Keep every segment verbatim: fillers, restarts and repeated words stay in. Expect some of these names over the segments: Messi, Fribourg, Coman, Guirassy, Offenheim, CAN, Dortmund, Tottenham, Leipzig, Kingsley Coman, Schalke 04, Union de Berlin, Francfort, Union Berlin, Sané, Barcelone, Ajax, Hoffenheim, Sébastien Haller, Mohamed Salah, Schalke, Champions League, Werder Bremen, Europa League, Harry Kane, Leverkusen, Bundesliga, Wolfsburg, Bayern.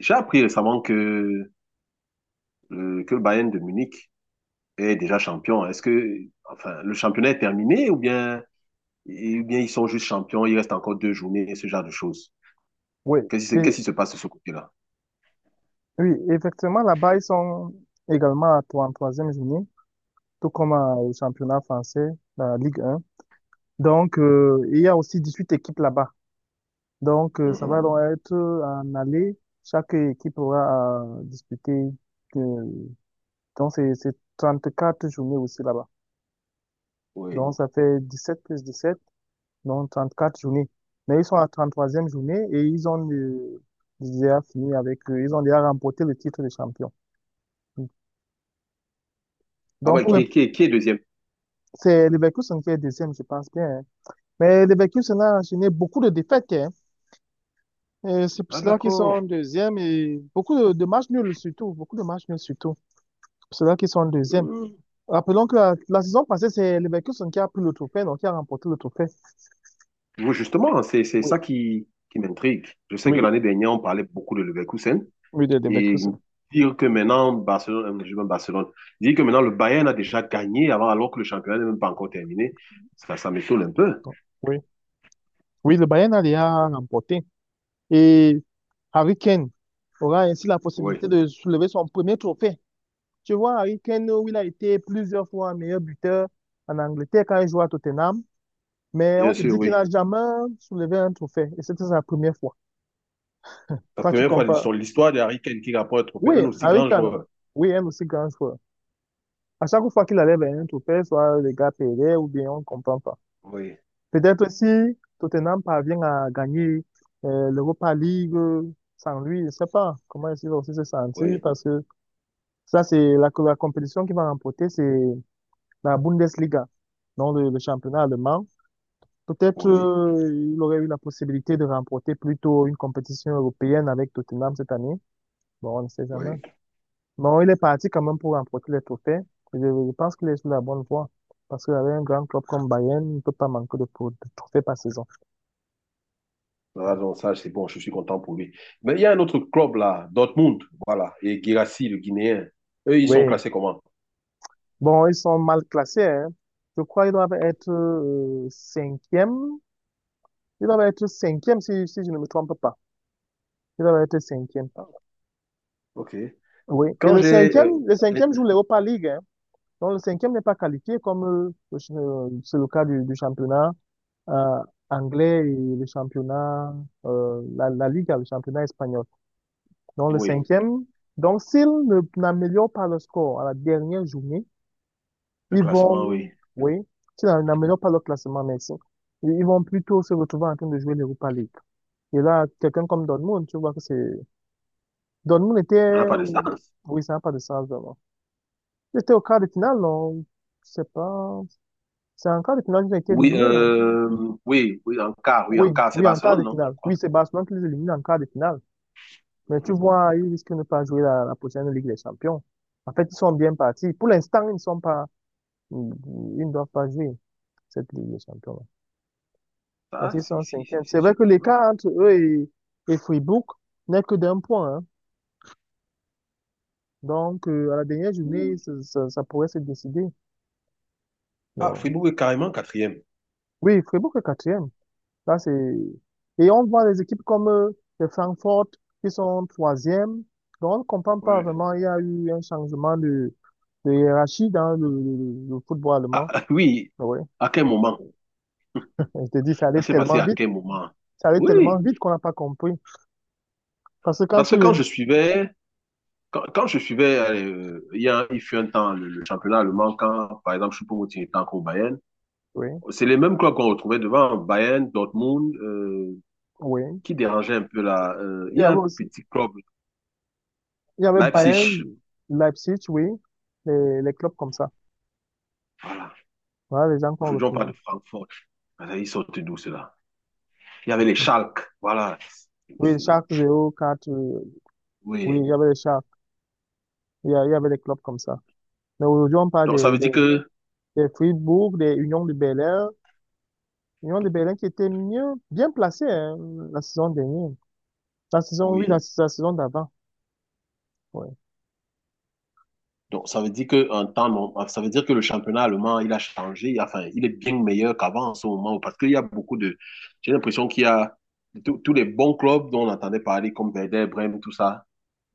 J'ai appris récemment que, euh, que le Bayern de Munich est déjà champion. Est-ce que, enfin, le championnat est terminé, ou bien, ou bien ils sont juste champions, il reste encore deux journées, ce genre de choses. Oui, Qu'est-ce qui se, et, Qu'est-ce qui se passe de ce côté-là? oui, effectivement, là-bas, ils sont également à trente-troisième journée, tout comme euh, au championnat français, la Ligue un. Donc, euh, il y a aussi dix-huit équipes là-bas. Donc, euh, ça va Mhm. donc être en aller. Chaque équipe aura à disputer. euh, donc, c'est c'est quatre journées aussi là-bas. Oui. Donc, ça fait dix-sept plus dix-sept, donc trente-quatre journées. Mais ils sont à trente-troisième journée et ils ont euh, déjà fini avec, euh, ils ont déjà remporté le titre de champion. Ah bah, Donc, pour les et qui, est- qui est deuxième? c'est Leverkusen qui est deuxième, je pense bien. Hein. Mais Leverkusen a enchaîné beaucoup de défaites. Hein. Et c'est pour Ah, cela qu'ils d'accord. sont deuxième et beaucoup de, de matchs nuls surtout. Beaucoup de matchs nuls surtout. C'est pour cela qu'ils sont deuxième. Mhm. Rappelons que la, la saison passée, c'est Leverkusen qui a pris le trophée, donc qui a remporté le trophée. Oui, justement, c'est, c'est Oui, ça qui, qui m'intrigue. Je sais que oui, l'année dernière, on parlait beaucoup de Leverkusen. oui, de Et Leverkusen. dire que maintenant, Barcelone, euh, je dis même Barcelone, dire que maintenant le Bayern a déjà gagné avant, alors que le championnat n'est même pas encore terminé, ça, ça m'étonne un peu. Donc, oui, oui, le Bayern a déjà remporté. Et Harry Kane aura ainsi la Oui, possibilité de soulever son premier trophée. Tu vois, Harry Kane, où il a été plusieurs fois meilleur buteur en Angleterre quand il jouait à Tottenham. Mais on bien te sûr, dit qu'il oui. n'a jamais soulevé un trophée. Et c'était sa première fois. La Toi, tu première fois de compares. l'histoire l'histoire de Harry Kane qui rapporte un trophée, Oui, un aussi Harry grand Kane, joueur. oui, un aussi grand joueur. À chaque fois qu'il allait vers un trophée, soit les gars perdaient ou bien on ne comprend pas. Oui, Peut-être aussi, Tottenham parvient à gagner euh, l'Europa League euh, sans lui. Je ne sais pas comment il va aussi se sentir oui, parce que ça, c'est la, la compétition qu'il va remporter, c'est la Bundesliga, donc le, le championnat allemand. Peut-être oui, euh, il aurait eu la possibilité de remporter plutôt une compétition européenne avec Tottenham cette année. Bon, on ne sait jamais. oui. Bon, il est parti quand même pour remporter les trophées. Je, je pense qu'il est sur la bonne voie. Parce qu'avec un grand club comme Bayern, il ne peut pas manquer de, pro- de trophées par saison. Ah, donc ça, c'est bon, je suis content pour lui. Mais il y a un autre club là, Dortmund, voilà, et Guirassy, le Guinéen. Eux, ils sont Oui. classés comment? Bon, ils sont mal classés. Hein. Je crois qu'ils doivent être euh, cinquième. Ils doivent être cinquième si, si je ne me trompe pas. Ils doivent être cinquième. Ah, ok. Oui. Et Quand le j'ai. Euh, cinquième, le cinquième joue l'Europa League. Hein. Donc, le cinquième n'est pas qualifié comme euh, le ch- euh, c'est le cas du, du championnat euh, anglais et le championnat, euh, la, la Liga, le championnat espagnol. Donc, le Oui, cinquième, donc s'ils ne- n'améliorent pas le score à la dernière journée, un ils classement, vont, oui. oui, s'ils n'a- n'améliorent pas le classement, merci, ils ils vont plutôt se retrouver en train de jouer l'Europa League. Et là, quelqu'un comme Dortmund, tu vois que c'est… Dortmund Ça n'a était… pas de sens. Oui, ça n'a pas de sens, vraiment. C'était au quart de finale, non? Je sais pas. C'est en quart de finale qu'ils ont été Oui, éliminés, non? euh, oui, oui, en quart, oui, Oui, en quart, c'est oui, en quart Barcelone, de non, je finale. crois. Oui, c'est Oui. Barcelone qui les élimine en quart de finale. Mais tu Mhm. vois, ils risquent de ne pas jouer la, la prochaine Ligue des Champions. En fait, ils sont bien partis. Pour l'instant, ils ne sont pas, ils ils ne doivent pas jouer cette Ligue des Champions. Parce Ça, qu'ils sont si, en si, si, cinquième. c'est C'est vrai sûr. que Ah, l'écart entre eux et, et Fribourg n'est que d'un point, hein. Donc, euh, à la dernière journée, oui. ça, ça- ça pourrait se décider. Ah, Non. Fribourg est carrément quatrième. Oui, Fribourg est quatrième. Ça, c'est… Et on voit les équipes comme euh, le Francfort qui sont troisième. Donc, on ne comprend pas Ouais. vraiment. Il y a eu un changement de, de hiérarchie dans le, le- le football Ah, allemand. ah, oui, Oui. à quel moment? Je te dis, ça Ça allait s'est passé tellement à vite. quel moment? Ça allait tellement Oui, vite qu'on n'a pas compris. Parce que quand parce tu que quand veux… je suivais, quand, quand je suivais, euh, il y a, il fut un temps, le, le championnat allemand, quand, par exemple, Choupo-Moting était encore au Bayern, Oui, c'est les mêmes clubs qu'on retrouvait devant, Bayern, Dortmund, euh, oui. qui dérangeait un peu là. Euh, il Il y y a avait un aussi… petit club, Il y avait Bayern, Leipzig, Leipzig, oui. Les, les clubs comme ça. voilà. Voilà les gens qu'on Aujourd'hui, on retrouvait. parle de Francfort. Ah, ils sortent d'où cela? Il y avait les Schalke, voilà. Oui, les Schalke zéro quatre. euh, Oui, Oui. il y avait les Schalke. Il y a- il y avait des clubs comme ça. Mais aujourd'hui, on parle Donc ça des, veut dire des, que de Fribourg, de Union de Bel-Air. Union de Berlin qui était mieux, bien placé hein, la saison dernière. La saison, oui, la, oui. la saison d'avant. Ouais. Donc ça veut dire que en temps norm- ah, ça veut dire que le championnat allemand, il a changé, enfin, il est bien meilleur qu'avant en ce moment parce qu'il y a beaucoup de j'ai l'impression qu'il y a tous tous les bons clubs dont on entendait parler comme Werder Bremen, tout ça.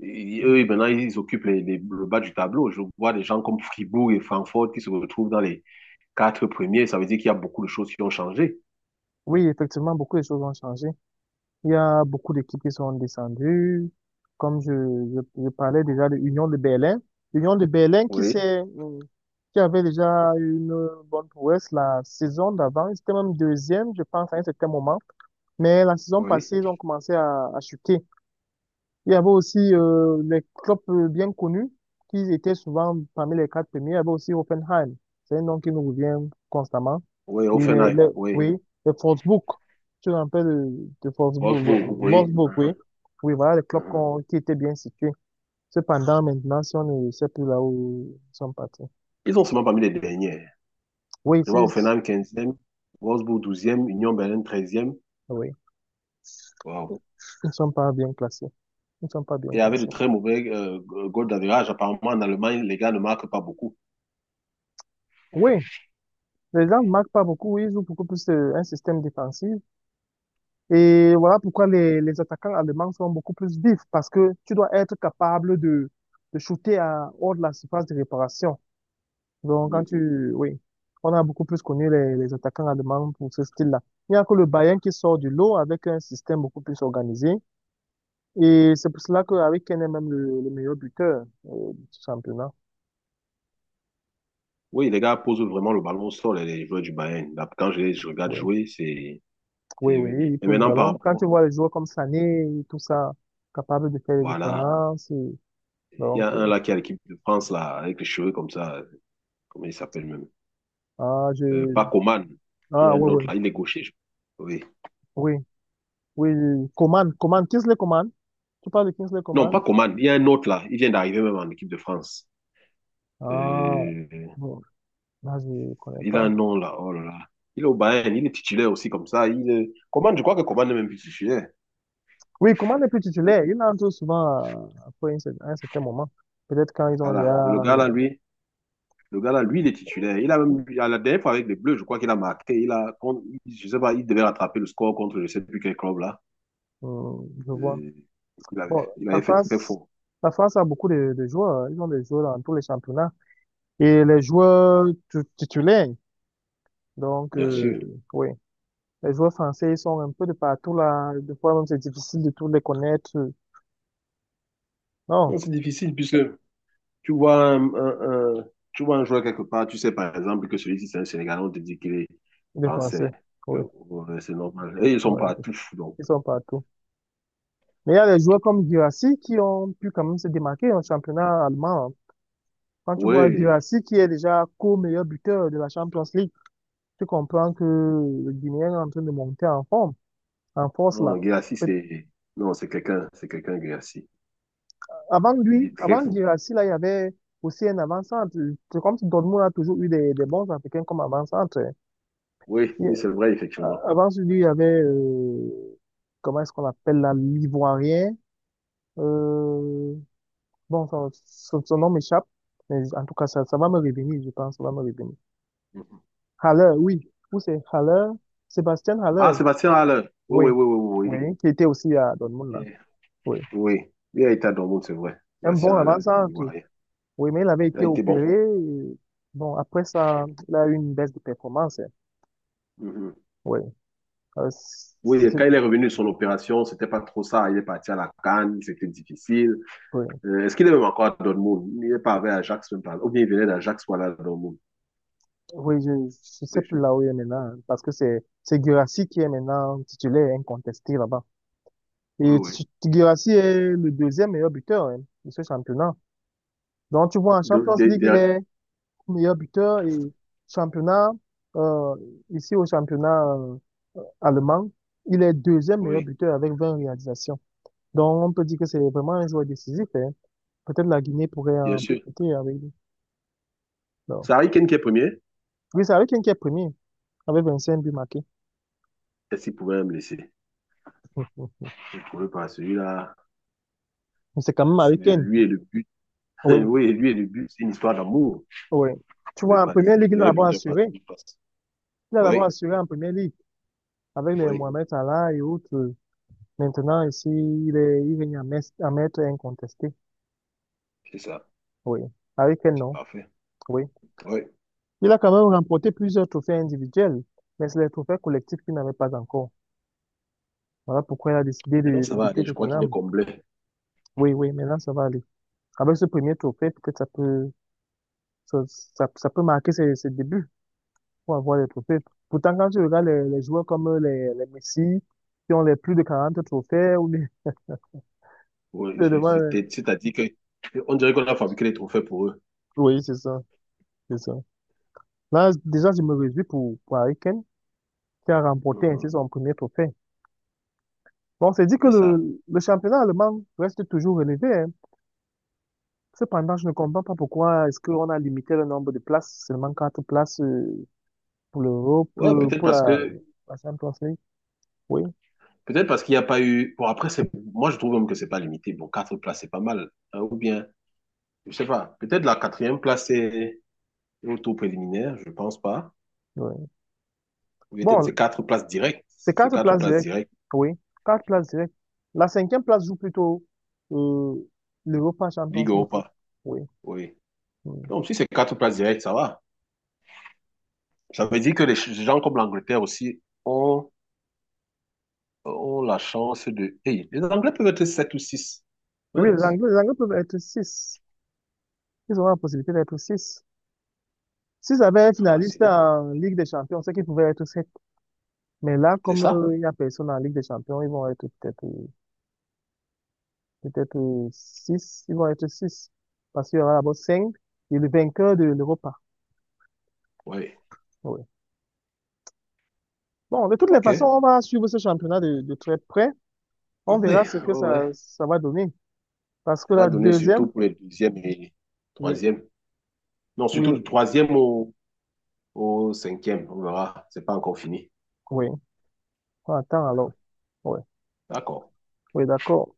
Et eux, maintenant, ils occupent les- les- le bas du tableau. Je vois des gens comme Fribourg et Francfort qui se retrouvent dans les quatre premiers. Ça veut dire qu'il y a beaucoup de choses qui ont changé. Oui, effectivement, beaucoup de choses ont changé. Il y a beaucoup d'équipes qui sont descendues. Comme je, je, je parlais déjà de l'Union de Berlin. L'Union de Berlin qui Oui, s'est, euh, qui avait déjà une bonne prouesse la saison d'avant. Ils étaient même deuxième, je pense, à un certain moment. Mais la saison oui. passée, ils ont commencé à, à chuter. Il y avait aussi euh, les clubs euh, bien connus qui étaient souvent parmi les quatre premiers. Il y avait aussi Hoffenheim. C'est un nom qui nous revient constamment. Oui, Et les, Offenheim, les- oui. oui, les Wolfsburg. Tu te rappelles de, de Wolfsburg, Wolfsburg, euh, oui. Wolfsburg, oui. Mhm, Oui, voilà les clubs mhm. qu'on- qui étaient bien situés. Cependant, maintenant, si on ne sait plus là où ils sont partis. Ils sont seulement parmi les derniers. Oui, Je vois c'est, Offenheim quinzième, Wolfsburg douzième, Union Berlin treizième. oui, Wow. ils ne sont pas bien classés. Ils ne sont pas bien Et avec de classés. très mauvais euh, goal d'average, apparemment en Allemagne, les gars ne marquent pas beaucoup. Oui, les gens ne marquent pas beaucoup. Oui, ils jouent beaucoup plus euh, un système défensif. Et voilà pourquoi les, les attaquants allemands sont beaucoup plus vifs, parce que tu dois être capable de, de shooter à, hors de la surface de réparation. Donc, quand Oui. tu, oui, on a beaucoup plus connu les, les attaquants allemands pour ce style-là. Il n'y a que le Bayern qui sort du lot avec un système beaucoup plus organisé. Et c'est pour cela qu'avec Kane est même le, le meilleur buteur euh, du championnat. Oui, les gars posent vraiment le ballon au sol, les les joueurs du Bayern. Là, quand je les je regarde Oui, jouer, c'est... oui, c'est- oui, il Et pose le maintenant, par ballon. Quand tu rapport... vois les joueurs comme Sané et tout ça, capables de faire les Voilà. différences, et Il y a donc, euh, un là qui a l'équipe de France, là, avec les cheveux comme ça. Comment il s'appelle même? ah, je, Euh, pas Coman. Il y a ah, un ouais, autre ouais. là, il est gaucher. je- Oui. Oui, oui, oui. Coman, Coman, Kingsley Coman. Tu parles de Kingsley Non, pas Coman? Coman. Il y a un autre là. Il vient d'arriver même en équipe de France. Ah, Euh, bon, là, je ne connais il a un pas. nom là. Oh là là. Il est au Bayern. Il est titulaire aussi comme ça. Il est- Coman, je crois que Coman n'est même plus titulaire. Oui, Coman n'est plus Euh, titulaire. Il entre souvent euh, après un cer- un certain moment. Peut-être quand ils ont Voilà. Le déjà, gars là, oui, lui, Le gars là, lui, il est titulaire. Il a même, à la dernière fois avec les Bleus, je crois qu'il a marqué. Il a, contre- je sais pas, il devait rattraper le score contre je sais plus quel club là. hum, je vois. Euh, il avait, Bon, il la avait fait très France, fort. la France a beaucoup de, de joueurs. Hein. Ils ont des joueurs dans tous les championnats. Et les joueurs tu- titulaires, donc, Bien sûr. euh, oui, les joueurs français, ils sont un peu de partout là. Des fois, même, c'est difficile de tous les connaître. Non, Non, c'est difficile puisque tu vois un, un- un- tu vois un joueur quelque part, tu sais par exemple que celui-ci c'est un Sénégalais, on te dit qu'il est les français. Français, Que oui. ouais, c'est normal. Et ils sont Oui. partout. Donc, Ils sont partout. Mais il y a des joueurs comme Guirassy qui ont pu quand même se démarquer en championnat allemand. Hein. Quand tu vois oui. Guirassy qui est déjà co-meilleur buteur de la Champions League, tu comprends que le Guinéen est en train de monter en forme, en force Non, là. Guirassy, Peut- c'est. Non, c'est quelqu'un, c'est quelqu'un, Guirassy. Avant Il lui, est très avant fort. Guirassy, là, il y avait aussi un avant-centre. C'est comme si Dortmund a toujours eu des, des bons Africains comme avant-centre. Hein. Oui, Il- oui, c'est vrai, a- effectivement. avant lui, il y avait, euh, comment est-ce qu'on appelle là, l'Ivoirien. Euh, Bon, son, son, son nom m'échappe, mais en tout cas, ça, ça va me revenir, je pense, ça va me revenir. Mhm. Haller, oui. Où c'est Haller? Sébastien Ah, Haller, Sébastien Haller. Oui, oui, oui. oui, oui, Oui, qui était aussi à Dortmund, oui. là. Oui. Oui. Oui, il a été à Dortmund, c'est vrai. Un bon Sébastien Haller, avant-centre. l'Ivoirien. Oui, mais il avait Il été a été bon. opéré. Et bon, après ça, il a eu une baisse de performance. Hein. Mhm. Oui. Euh, Oui, et c'est- quand il est revenu de son opération, c'était pas trop ça. Il est parti à la CAN, c'était difficile. oui. Euh, est-ce qu'il est même encore à Dortmund? Il n'est pas avec Ajax, même pas. Ou bien il venait d'Ajax, voilà, Dortmund. Oui, je ne sais Oui, plus là où il est maintenant, hein, parce que c'est c'est Guirassy qui est maintenant titulaire incontesté là-bas. oui, Et oui. Titu- Guirassy est le deuxième meilleur buteur hein, de ce championnat. Donc, tu vois, en De- Champions de- League, il de- est meilleur buteur et championnat, euh, ici au championnat euh, allemand, il est deuxième meilleur oui, buteur avec vingt réalisations. Donc, on peut dire que c'est vraiment un joueur décisif. Hein. Peut-être la Guinée pourrait bien en sûr. profiter avec lui. Non. C'est Harry Kane qui est premier. Oui, c'est Harry Kane qui est premier, avec vingt-cinq buts marqués. Est-ce qu'il pouvait me laisser? Mais Il ne pouvait pas. Celui-là, c'est quand même c'est- Harry Kane. lui et le but. Oui, Oui, lui et le but, c'est une histoire d'amour. Il oui. ne Tu pouvait vois, en pas première laisser. ligue, Le il a meilleur d'abord buteur partout, assuré. il passe. Il a d'abord Oui, assuré en première ligue, avec les oui, Mohamed Salah et autres. Maintenant, ici, il est, il est à mettre à maître incontesté. c'est ça. Oui. Avec quel C'est nom? parfait. Oui. Oui. Il a quand même remporté plusieurs trophées individuels, mais c'est les trophées collectifs qu'il n'avait pas encore. Voilà pourquoi il a décidé Maintenant, de, de ça va quitter aller. Je crois qu'il est Tottenham. comblé. Oui, oui, maintenant ça va aller. Avec ce premier trophée, peut-être ça peut, ça, ça, ça peut marquer ses, ses débuts pour avoir les trophées. Pourtant, quand tu regardes les, les joueurs comme euh, les, les Messi, qui ont les plus de quarante trophées, ou les, Oui, les c'est- devant, euh, c'était- c'est-à-dire que on dirait qu'on a fabriqué les trophées pour eux. oui, c'est ça, c'est ça. Là, déjà, je me réjouis pour, pour Harry Kane, qui a remporté ainsi Mhm. son premier trophée. Bon, c'est dit que C'est ça. le, le championnat allemand reste toujours élevé. Hein. Cependant, je ne comprends pas pourquoi est-ce qu'on a limité le nombre de places, seulement quatre places euh, pour l'Europe, Ouais, euh, peut-être pour parce la, que la Champions League. Oui, peut-être parce qu'il n'y a pas eu. Bon, après, c'est moi, je trouve même que c'est pas limité. Bon, quatre places, c'est pas mal. Hein, ou bien, je sais pas. Peut-être la quatrième place c'est au tour préliminaire, je pense pas. oui. Ou peut-être Bon, c'est quatre places directes. c'est Si c'est quatre quatre places places directes. directes, Oui, quatre places directes. La cinquième place joue plutôt euh, l'Europa Champions Ligue League. Europa. Oui. Oui. Oui, Donc si c'est quatre places directes, ça va. Ça veut dire que les ch- gens comme l'Angleterre aussi ont, ont la chance de. Hey, les Anglais peuvent être sept ou six. oui, les Mince. Anglais, les Anglais peuvent être six. Ils auront la possibilité d'être six. S'ils avaient un Ah, c'est finaliste bon. en Ligue des Champions, c'est qu'ils pouvaient être sept. Mais là, C'est comme ça? euh, il y a personne en Ligue des Champions, ils vont être peut-être euh, peut-être euh, six. Ils vont être six. Parce qu'il y aura d'abord cinq et le vainqueur de l'Europa. Oui. Ouais. Bon, de toutes les OK. façons, Oui, on va suivre ce championnat de, de très près. On oui, verra ce que oui. ça, ça va donner. Parce Ça que va la donner surtout deuxième, pour les deuxième et oui, troisième. Non, oui, surtout du troisième au, au cinquième. On verra. C'est pas encore fini. oui. On attend alors. Oui, D'accord. oui, d'accord.